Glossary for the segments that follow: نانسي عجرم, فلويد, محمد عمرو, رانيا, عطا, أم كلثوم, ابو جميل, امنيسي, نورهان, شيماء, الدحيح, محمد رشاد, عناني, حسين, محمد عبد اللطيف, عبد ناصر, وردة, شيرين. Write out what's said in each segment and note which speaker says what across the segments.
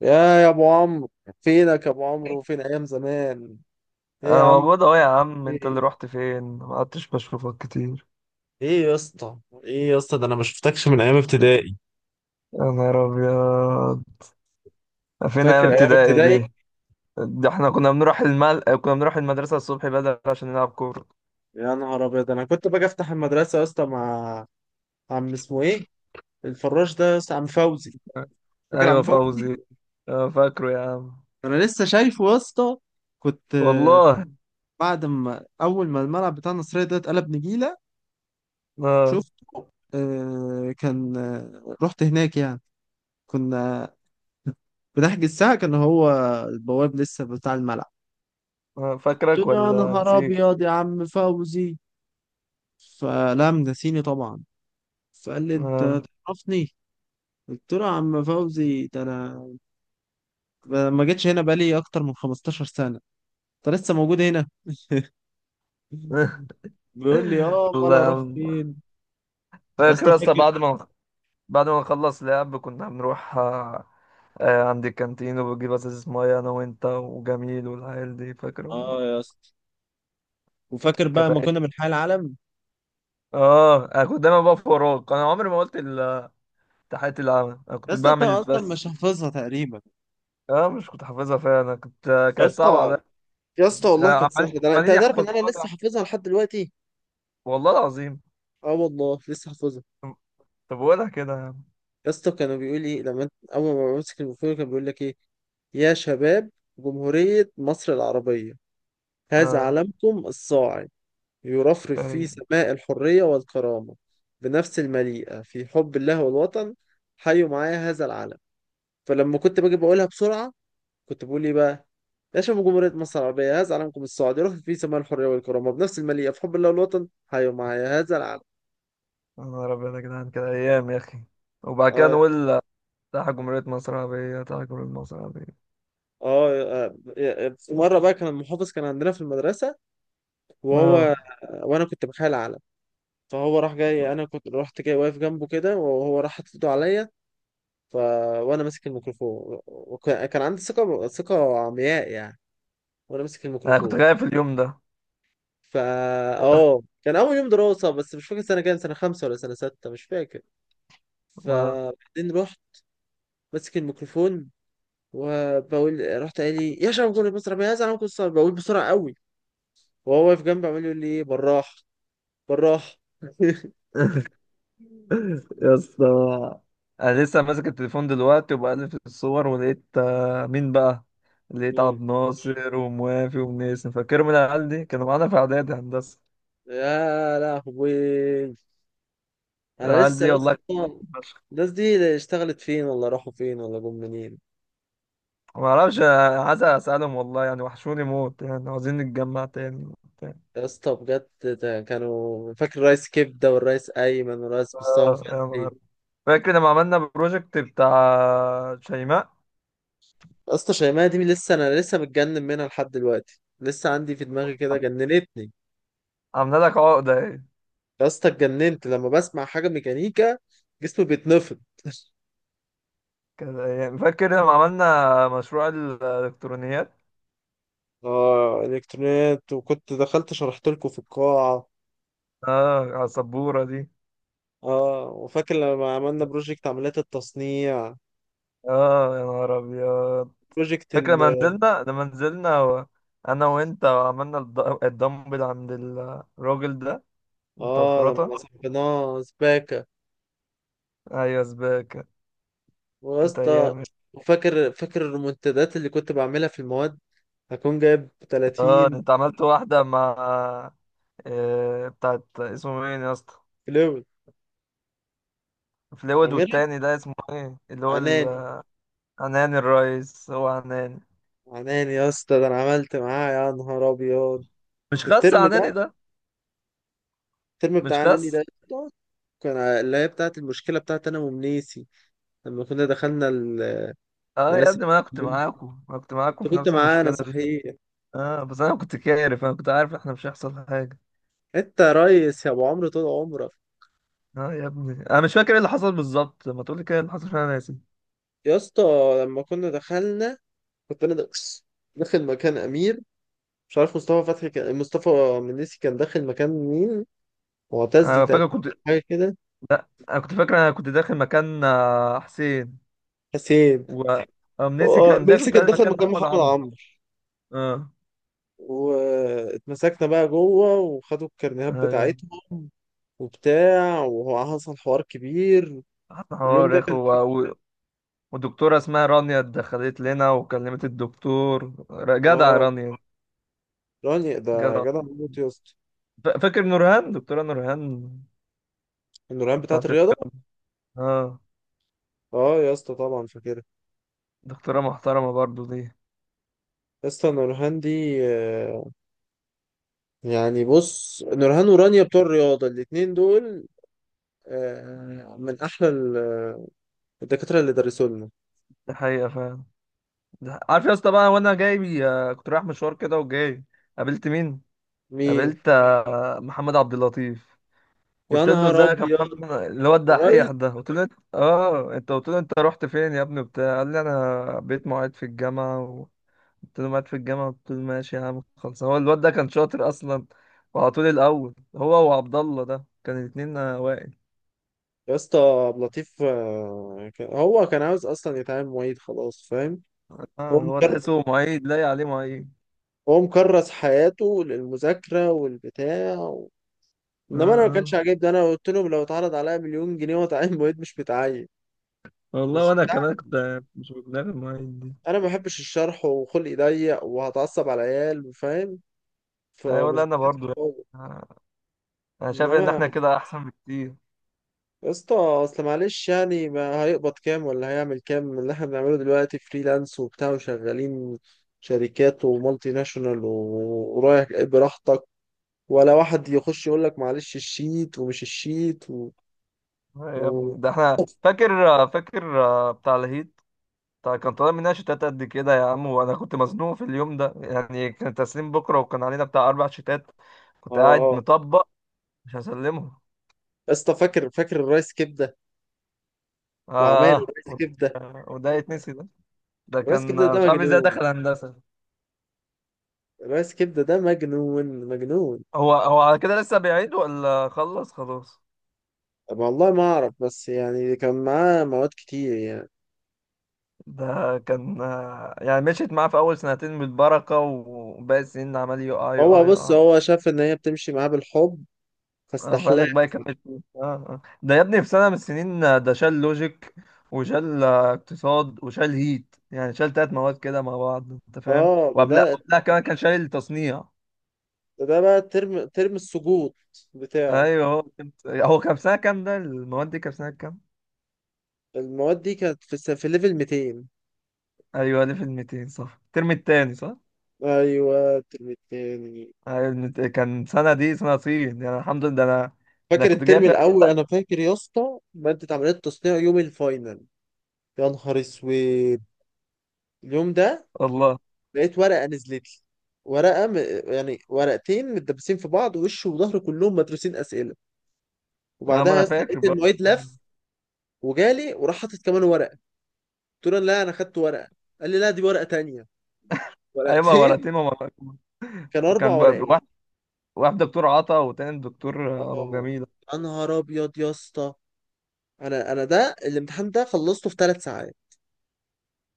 Speaker 1: يا يا ابو عمرو، فينك يا ابو عمرو؟ فين ايام زمان؟ ايه يا
Speaker 2: انا
Speaker 1: عم.
Speaker 2: موجود اهو يا عم، انت اللي
Speaker 1: ايه.
Speaker 2: رحت فين؟ ما قعدتش بشوفك كتير.
Speaker 1: ايه يا اسطى. ايه يا اسطى، ده انا ما شفتكش من ايام ابتدائي.
Speaker 2: يا نهار ابيض، فين ايام
Speaker 1: فاكر ايام
Speaker 2: ابتدائي
Speaker 1: ابتدائي؟
Speaker 2: دي؟ ده احنا كنا بنروح المدرسة الصبح بدري عشان نلعب كورة.
Speaker 1: يا نهار ابيض، انا كنت باجي افتح المدرسه يا اسطى مع عم اسمه ايه، الفراش ده يا اسطى، عم فوزي. فاكر عم
Speaker 2: ايوه
Speaker 1: فوزي؟
Speaker 2: فوزي. آه، فاكره يا عم.
Speaker 1: انا لسه شايفه يا اسطى. كنت آه،
Speaker 2: والله.
Speaker 1: بعد ما اول ما الملعب بتاع النصريه ده اتقلب نجيله.
Speaker 2: اه.
Speaker 1: شفت؟ كان رحت هناك يعني. كنا بنحجز ساعة. كان هو البواب لسه بتاع الملعب.
Speaker 2: آه،
Speaker 1: قلت
Speaker 2: فاكرك
Speaker 1: له يا
Speaker 2: ولا
Speaker 1: نهار
Speaker 2: نسيت.
Speaker 1: أبيض يا عم فوزي، فلم نسيني طبعا. فقال لي أنت
Speaker 2: اه.
Speaker 1: تعرفني؟ قلت له يا عم فوزي ده أنا، أنا ما جيتش هنا بقالي أكتر من 15 سنة، أنت لسه موجود هنا؟ بيقول لي اه، امال
Speaker 2: والله يا
Speaker 1: اروح
Speaker 2: عم.
Speaker 1: فين؟ يا
Speaker 2: فاكر
Speaker 1: اسطى
Speaker 2: يا اسطى
Speaker 1: فاكر؟
Speaker 2: بعد ما نخلص لعب كنا بنروح عند الكانتين وبجيب ازازة مية انا وانت وجميل والعيال دي، فاكر
Speaker 1: اه
Speaker 2: والله.
Speaker 1: يا اسطى، وفاكر بقى ما
Speaker 2: كانت
Speaker 1: كنا بنحيي العالم؟
Speaker 2: اه انا كنت دايما بقف وراك، انا عمري ما قلت تحية العامة، انا
Speaker 1: يا
Speaker 2: كنت
Speaker 1: اسطى انت
Speaker 2: بعمل
Speaker 1: اصلا
Speaker 2: بس.
Speaker 1: مش حافظها تقريبا.
Speaker 2: اه، مش كنت حافظها فعلا، انا كنت،
Speaker 1: يا
Speaker 2: كانت صعبة عليا.
Speaker 1: اسطى، يا اسطى
Speaker 2: يعني
Speaker 1: والله كانت
Speaker 2: عمالين
Speaker 1: سهله، ده انت
Speaker 2: عمالين
Speaker 1: هتعرف ان انا
Speaker 2: يحفظوها لي.
Speaker 1: لسه حافظها لحد دلوقتي.
Speaker 2: والله العظيم.
Speaker 1: اه والله لسه حافظها.
Speaker 2: طب ولا كده يا عم.
Speaker 1: يا اسطى كانوا بيقول لي لما انت اول ما بمسك الميكروفون كان بيقول لك ايه؟ يا شباب، جمهورية مصر العربية، هذا
Speaker 2: اه.
Speaker 1: علمكم الصاعد يرفرف في
Speaker 2: اي.
Speaker 1: سماء الحرية والكرامة بنفس المليئة في حب الله والوطن، حيوا معايا هذا العلم. فلما كنت باجي بقولها بسرعة كنت بقول ايه بقى؟ يا شباب جمهورية مصر العربية هذا علمكم الصاعد يرفرف في سماء الحرية والكرامة بنفس المليئة في حب الله والوطن حيوا معايا هذا العلم.
Speaker 2: يا نهار ابيض يا جدعان، كده ايام يا اخي. وبعد كده
Speaker 1: اه،
Speaker 2: نقول: تحت جمهورية مصر العربية، تحت جمهورية مصر العربية.
Speaker 1: اه، في مره بقى كان المحافظ كان عندنا في المدرسه، وهو
Speaker 2: اه،
Speaker 1: وانا كنت بخيل علم، فهو راح جاي، انا كنت رحت جاي واقف جنبه كده وهو راح حاطط ايده عليا. ف وانا ماسك الميكروفون، وكان عندي ثقه ثقه عمياء يعني. وانا ماسك
Speaker 2: انا كنت
Speaker 1: الميكروفون.
Speaker 2: خايف اليوم ده.
Speaker 1: فا اه، كان اول يوم دراسه، بس مش فاكر سنه كام، سنه خمسه ولا سنه سته مش فاكر.
Speaker 2: اه.
Speaker 1: فبعدين رحت ماسك الميكروفون وبقول، رحت قال لي يا شباب كل مصر يا زلمه كل مصر، بقول بسرعه قوي، وهو واقف جنبي عمال يقول لي إيه، بالراحه، بالراحة.
Speaker 2: يا اسطى، انا لسه ماسك التليفون دلوقتي وبقلب في الصور، ولقيت مين بقى؟ لقيت عبد
Speaker 1: مين؟
Speaker 2: ناصر وموافي ونيسن، فاكرهم؟ العيال دي كانوا معانا في اعدادي هندسه.
Speaker 1: يا لهوي، انا
Speaker 2: العيال
Speaker 1: لسه
Speaker 2: دي
Speaker 1: يا
Speaker 2: والله.
Speaker 1: اسطى، الناس دي اشتغلت فين ولا راحوا فين ولا جم منين؟
Speaker 2: ما اعرفش، أنا عايز اسالهم والله يعني، وحشوني موت يعني، عاوزين نتجمع تاني وبتاع.
Speaker 1: يا اسطى بجد، ده كانوا، فاكر الريس كبده والريس ايمن والريس مصطفى
Speaker 2: آه، يا
Speaker 1: فتحي.
Speaker 2: نهار. فاكر لما عملنا بروجكت بتاع شيماء؟
Speaker 1: يا اسطى شيماء دي، انا لسه متجنن منها لحد دلوقتي، لسه عندي في دماغي كده،
Speaker 2: عم-
Speaker 1: جننتني.
Speaker 2: عملنا لك عقده ايه؟
Speaker 1: يا اسطى اتجننت، لما بسمع حاجه ميكانيكا جسمي بيتنفض.
Speaker 2: يعني فاكر لما عملنا مشروع الالكترونيات؟
Speaker 1: اه، الكترونيات، وكنت دخلت شرحت لكم في القاعه.
Speaker 2: اه، على السبوره دي.
Speaker 1: اه، وفاكر لما عملنا بروجكت عمليات التصنيع،
Speaker 2: اه يا نهار ابيض.
Speaker 1: بروجكت
Speaker 2: فاكر
Speaker 1: ال
Speaker 2: لما نزلنا، انا وانت، وعملنا الدمبل عند الراجل ده بتاع
Speaker 1: اه
Speaker 2: الخراطه.
Speaker 1: لما صحبناه سباكة.
Speaker 2: ايوه سباكه.
Speaker 1: ويا
Speaker 2: كانت
Speaker 1: اسطى،
Speaker 2: ايام.
Speaker 1: وفاكر فاكر الريمونتادات اللي كنت بعملها في المواد، هكون جايب
Speaker 2: اه، ده
Speaker 1: 30
Speaker 2: انت عملت واحده مع، بتاعت اسمه مين يا اسطى؟
Speaker 1: كيلو.
Speaker 2: فلويد،
Speaker 1: عاملها
Speaker 2: والتاني ده اسمه ايه، اللي هو
Speaker 1: عناني.
Speaker 2: عناني. الرئيس هو عناني.
Speaker 1: عناني يا اسطى، ده انا عملت معاه يا نهار ابيض.
Speaker 2: مش خاص
Speaker 1: الترم ده
Speaker 2: عناني ده.
Speaker 1: الترم
Speaker 2: مش
Speaker 1: بتاع عناني
Speaker 2: خاص.
Speaker 1: ده يا اسطى، اللي هي بتاعت المشكلة بتاعت أنا ومنيسي لما كنا دخلنا
Speaker 2: اه يا
Speaker 1: لناس
Speaker 2: ابني، ما انا كنت
Speaker 1: التحكيم.
Speaker 2: معاكم ما أنا كنت معاكم
Speaker 1: أنت
Speaker 2: في
Speaker 1: كنت
Speaker 2: نفس
Speaker 1: معانا
Speaker 2: المشكله دي.
Speaker 1: صحيح.
Speaker 2: اه بس انا كنت عارف احنا مش هيحصل حاجه.
Speaker 1: أنت يا ريس يا أبو عمرو طول عمرك.
Speaker 2: اه يا ابني، انا مش فاكر ايه اللي حصل بالظبط، ما تقول لي كده إيه اللي حصل عشان انا ناسي.
Speaker 1: يا اسطى لما كنا دخلنا، كنت انا داخل مكان امير، مش عارف، مصطفى فتحي كان، مصطفى منيسي كان داخل مكان مين؟ معتز
Speaker 2: انا فاكر
Speaker 1: تقريبا،
Speaker 2: كنت،
Speaker 1: حاجه كده،
Speaker 2: انا كنت فاكر انا كنت داخل مكان حسين،
Speaker 1: حسين.
Speaker 2: و امنيسي
Speaker 1: هو
Speaker 2: كان داخل
Speaker 1: ميسي كان
Speaker 2: بتاع
Speaker 1: داخل
Speaker 2: مكان
Speaker 1: مكان
Speaker 2: محمد
Speaker 1: محمد
Speaker 2: عمرو.
Speaker 1: عمرو.
Speaker 2: اه.
Speaker 1: واتمسكنا بقى جوه وخدوا الكارنيهات
Speaker 2: ايوه.
Speaker 1: بتاعتهم وبتاع، وهو حصل حوار كبير.
Speaker 2: حوار
Speaker 1: اليوم
Speaker 2: يا
Speaker 1: ده
Speaker 2: اخو
Speaker 1: كان
Speaker 2: ودكتوره اسمها رانيا دخلت لنا، وكلمت الدكتور جدع
Speaker 1: اه،
Speaker 2: رانيا.
Speaker 1: راني ده
Speaker 2: جدع.
Speaker 1: جدع موت يا اسطى.
Speaker 2: فاكر نورهان، دكتوره نورهان
Speaker 1: النورهان بتاعت
Speaker 2: بتاعت
Speaker 1: الرياضه.
Speaker 2: الرياضة. اه.
Speaker 1: اه يا اسطى، طبعا فاكرها.
Speaker 2: دكتوره محترمه برضو دي.
Speaker 1: يا اسطى النورهان دي يعني بص، نورهان ورانيا بتوع الرياضة الاتنين دول من أحلى الدكاترة اللي درسوا لنا.
Speaker 2: دي حقيقه فعلا. عارف يا اسطى؟ بقى وانا جاي كنت رايح مشوار كده وجاي، قابلت مين؟
Speaker 1: مين؟
Speaker 2: قابلت محمد عبد اللطيف.
Speaker 1: يا
Speaker 2: قلت له
Speaker 1: نهار
Speaker 2: ازيك يا
Speaker 1: أبيض،
Speaker 2: محمد، اللي هو
Speaker 1: الريس.
Speaker 2: الدحيح ده، قلت له انت، قلت له انت رحت فين يا ابني بتاع قال لي انا بقيت معيد في الجامعه قلت له معيد في الجامعه؟ قلت له ماشي يا عم خلص، هو الواد ده كان شاطر اصلا وعلى طول، الاول هو وعبد الله ده كان الاثنين واقف.
Speaker 1: يا اسطى عبد اللطيف هو كان عاوز أصلا يتعامل معيد خلاص، فاهم؟ هو
Speaker 2: اه، هو
Speaker 1: مكر...
Speaker 2: تحسه معيد، لاقي عليه معيد.
Speaker 1: هو مكرس حياته للمذاكرة والبتاع و،
Speaker 2: اه.
Speaker 1: إنما أنا ما كانش
Speaker 2: اه
Speaker 1: عاجبني، أنا قلت لهم لو اتعرض عليا مليون جنيه وأتعين معيد مش متعين.
Speaker 2: والله،
Speaker 1: مش
Speaker 2: وانا
Speaker 1: بتاع.
Speaker 2: كمان كنت مش بدماغي المعيد دي.
Speaker 1: أنا ما بحبش الشرح وخلقي ضيق وهتعصب على العيال، فاهم؟
Speaker 2: ايوه لا
Speaker 1: فمش
Speaker 2: انا
Speaker 1: بتاعتي.
Speaker 2: برضو، آه، انا شايف ان
Speaker 1: انما،
Speaker 2: احنا كده احسن بكتير.
Speaker 1: يا اسطى اصل معلش يعني ما هيقبض كام ولا هيعمل كام من اللي احنا بنعمله دلوقتي فريلانس وبتاع، وشغالين شركات ومالتي ناشونال ورايح جاي براحتك، ولا واحد يخش يقول لك معلش الشيت ومش الشيت و...
Speaker 2: يا
Speaker 1: و...
Speaker 2: ابني ده احنا فاكر بتاع الهيت، بتاع كان طالع مننا شتات قد كده يا عم. وانا كنت مزنوق في اليوم ده، يعني كان تسليم بكره، وكان علينا بتاع اربع شتات،
Speaker 1: اه،
Speaker 2: كنت قاعد
Speaker 1: آه.
Speaker 2: مطبق، مش هسلمهم.
Speaker 1: يا اسطى فاكر، فاكر الرايس كبده وعمايل
Speaker 2: اه.
Speaker 1: الرايس كبده.
Speaker 2: وده يتنسي ده؟ ده
Speaker 1: الرايس كبده
Speaker 2: كان
Speaker 1: ده
Speaker 2: مش عارف ازاي
Speaker 1: مجنون،
Speaker 2: دخل هندسه.
Speaker 1: الرايس كبده ده مجنون مجنون.
Speaker 2: هو، هو على كده لسه بيعيد ولا خلص خلاص؟
Speaker 1: طب والله ما اعرف، بس يعني كان معاه مواد كتير يعني.
Speaker 2: ده كان، يعني مشيت معاه في اول سنتين بالبركه، وباقي السنين عمال يقع
Speaker 1: هو
Speaker 2: يقع
Speaker 1: بص،
Speaker 2: يقع.
Speaker 1: هو شاف ان هي بتمشي معاه بالحب،
Speaker 2: اه،
Speaker 1: فاستحلاف.
Speaker 2: فقالك بقى يكمل فلوس. اه ده يا ابني في سنة من السنين، ده شال لوجيك، وشال اقتصاد، وشال هيت، يعني شال تلات مواد كده مع بعض انت فاهم.
Speaker 1: اه،
Speaker 2: وقبلها
Speaker 1: بدأت.
Speaker 2: قبلها كمان كان شال التصنيع.
Speaker 1: ده بقى ترم ترم السقوط بتاعه.
Speaker 2: ايوه، هو كام سنة كام؟ ده المواد دي كام سنة كام؟
Speaker 1: المواد دي كانت في ليفل 200.
Speaker 2: ايوه، 1200، صح؟ الترم التاني، صح؟
Speaker 1: ايوه الترم التاني.
Speaker 2: ايوه، كان سنة دي سنة صين يعني، الحمد لله. ده انا، ده
Speaker 1: فاكر
Speaker 2: كنت جايب
Speaker 1: الترم
Speaker 2: فيها
Speaker 1: الاول؟ انا فاكر يا اسطى، مادة عملية تصنيع يوم الفاينل. يا نهار اسود اليوم ده.
Speaker 2: والله.
Speaker 1: لقيت ورقة نزلت لي، ورقة م... يعني ورقتين متدبسين في بعض وش وظهر كلهم مدروسين اسئلة.
Speaker 2: اه،
Speaker 1: وبعدها
Speaker 2: ما
Speaker 1: يا
Speaker 2: انا
Speaker 1: اسطى
Speaker 2: فاكر
Speaker 1: لقيت
Speaker 2: بقى.
Speaker 1: المعيد لف وجالي وراح حاطط كمان ورقة. قلت له لا انا خدت ورقة. قال لي لا، دي ورقة تانية.
Speaker 2: ايوه
Speaker 1: ورقتين.
Speaker 2: ورقتين.
Speaker 1: كان اربع
Speaker 2: كان بقى
Speaker 1: ورقات
Speaker 2: واحد، واحد دكتور عطا، وتاني دكتور ابو
Speaker 1: اه
Speaker 2: جميل.
Speaker 1: يا نهار ابيض يا اسطى، انا ده الامتحان ده خلصته في 3 ساعات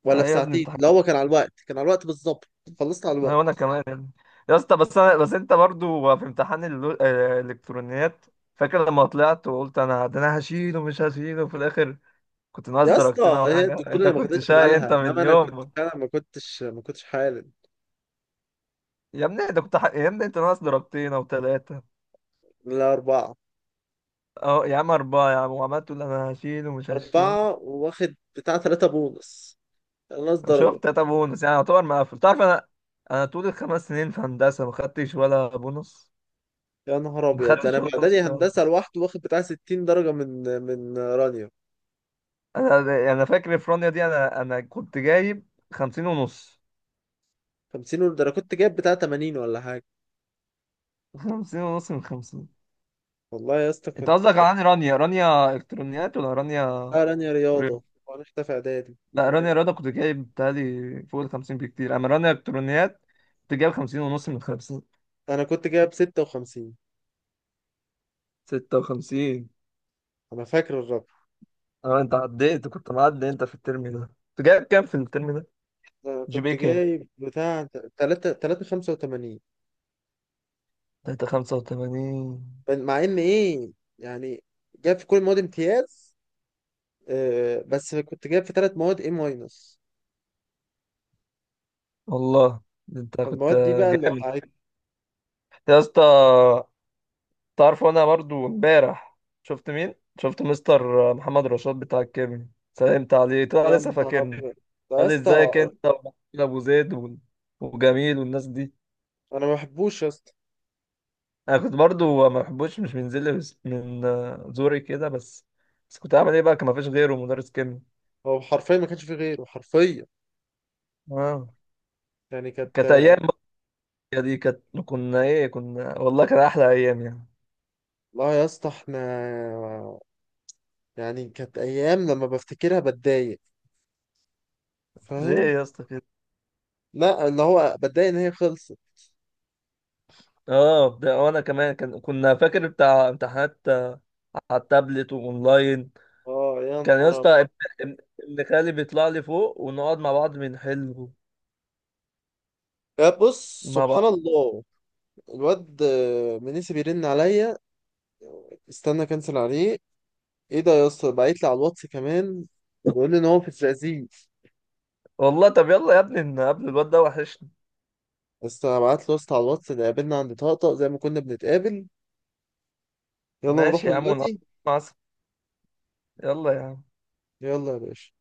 Speaker 1: ولا
Speaker 2: آه
Speaker 1: في
Speaker 2: يا ابني،
Speaker 1: ساعتين،
Speaker 2: امتحان.
Speaker 1: لا هو كان على الوقت، كان على الوقت بالظبط. خلصت على
Speaker 2: آه، وانا
Speaker 1: الوقت.
Speaker 2: كمان يا ابني. يا اسطى بس انت برضو في امتحان الالكترونيات، فاكر لما طلعت وقلت انا ده، انا هشيله مش هشيله في الاخر، كنت ناقص
Speaker 1: يا
Speaker 2: درجتين
Speaker 1: اسطى
Speaker 2: او
Speaker 1: هي
Speaker 2: حاجه؟
Speaker 1: الدكتوره
Speaker 2: انت
Speaker 1: اللي ما
Speaker 2: كنت
Speaker 1: خدتش
Speaker 2: شقي انت
Speaker 1: بالها،
Speaker 2: من
Speaker 1: انما انا كنت
Speaker 2: يوم.
Speaker 1: فعلا ما كنتش ما كنتش حالم.
Speaker 2: يا ابني، يا ابني انت ناقص درجتين او ثلاثه.
Speaker 1: لا اربعه.
Speaker 2: اه يا عم، اربعه يا عم، وعمال تقول انا هشيله مش هشيل.
Speaker 1: اربعه واخد بتاع ثلاثه بونص، نص درجه.
Speaker 2: شفت؟ تلاته بونص، يعني يعتبر مقفل. تعرف انا طول الخمس سنين في هندسه ما خدتش ولا بونص.
Speaker 1: يا نهار
Speaker 2: ما يا
Speaker 1: ابيض، ده
Speaker 2: خدتش
Speaker 1: انا في
Speaker 2: ولا بونص
Speaker 1: اعدادي هندسه
Speaker 2: خالص.
Speaker 1: لوحده واخد بتاع 60 درجه من رانيا.
Speaker 2: انا فاكر الفرونيا دي، انا كنت جايب خمسين ونص.
Speaker 1: 50 ده انا كنت جايب بتاع 80 ولا حاجه.
Speaker 2: خمسين ونص من خمسين.
Speaker 1: والله يا اسطى
Speaker 2: انت
Speaker 1: كنت.
Speaker 2: قصدك عن رانيا؟ رانيا الكترونيات ولا رانيا
Speaker 1: لا رانيا رياضة،
Speaker 2: رياضة؟
Speaker 1: وأنا في إعدادي.
Speaker 2: لا، رانيا رياضة كنت جايب بتهيألي فوق الخمسين بكتير. اما رانيا الكترونيات، كنت جايب خمسين ونص من خمسين.
Speaker 1: أنا كنت جايب 56.
Speaker 2: ستة وخمسين.
Speaker 1: أنا فاكر الرقم.
Speaker 2: اه، انت عديت، كنت معدي انت في الترم ده. كنت جايب كام في الترم ده؟
Speaker 1: أنا
Speaker 2: جي بي
Speaker 1: كنت
Speaker 2: إيه كام؟
Speaker 1: جايب بتاع تلاتة تلاتة خمسة وتمانين.
Speaker 2: 3.85.
Speaker 1: مع إن إيه يعني، جايب في كل المواد امتياز، آه بس كنت جايب في تلات مواد إيه ماينس.
Speaker 2: والله، ده انت كنت
Speaker 1: فالمواد دي بقى اللي
Speaker 2: جامد.
Speaker 1: وقعت.
Speaker 2: يا اسطى، تعرف انا برضو امبارح شفت مين؟ شفت مستر محمد رشاد بتاع الكيمياء، سلمت عليه، طلع
Speaker 1: يا
Speaker 2: لسه
Speaker 1: نهار
Speaker 2: فاكرني.
Speaker 1: أبيض. ده يا
Speaker 2: قال لي ازيك
Speaker 1: اسطى،
Speaker 2: انت، ومحمود ابو زيد وجميل والناس دي.
Speaker 1: أنا ما بحبوش يا اسطى.
Speaker 2: انا كنت برضو ما بحبوش، مش من زلي من زوري كده بس. بس كنت اعمل ايه بقى، كان ما فيش غيره مدرس كيمياء.
Speaker 1: هو حرفيا ما كانش فيه غيره، حرفيا.
Speaker 2: اه.
Speaker 1: يعني
Speaker 2: كانت
Speaker 1: كانت.
Speaker 2: ايام. بقى دي كانت، كنا ايه، كنا والله كان احلى ايام يعني.
Speaker 1: لا يا اسطى احنا، يعني كانت أيام لما بفتكرها بتضايق،
Speaker 2: ليه
Speaker 1: فاهم؟
Speaker 2: يا اسطى كده؟
Speaker 1: لا، اللي هو بتضايق ان هي خلصت.
Speaker 2: اه، ده وانا كمان كنا فاكر بتاع امتحانات على التابلت واونلاين.
Speaker 1: اه يا
Speaker 2: كان يا
Speaker 1: نهار
Speaker 2: اسطى
Speaker 1: ابيض.
Speaker 2: ابن، ابن خالي بيطلع لي فوق، ونقعد مع بعض بنحل
Speaker 1: يا بص
Speaker 2: مع
Speaker 1: سبحان
Speaker 2: بعض.
Speaker 1: الله، الواد منيسي بيرن عليا. استنى كنسل عليه. ايه ده يا اسطى؟ بعت لي على الواتس كمان، بيقول لي ان هو في الزقازيق.
Speaker 2: والله؟ طب يلا يا ابني نقابل الواد ده، وحشني.
Speaker 1: بس انا بعت له يا اسطى على الواتس، اللي قابلنا عند طقطق زي ما كنا بنتقابل. يلا نروح
Speaker 2: ماشي يا عم، ونقعد
Speaker 1: دلوقتي.
Speaker 2: مع، يلا يا عم.
Speaker 1: يلا يا باشا.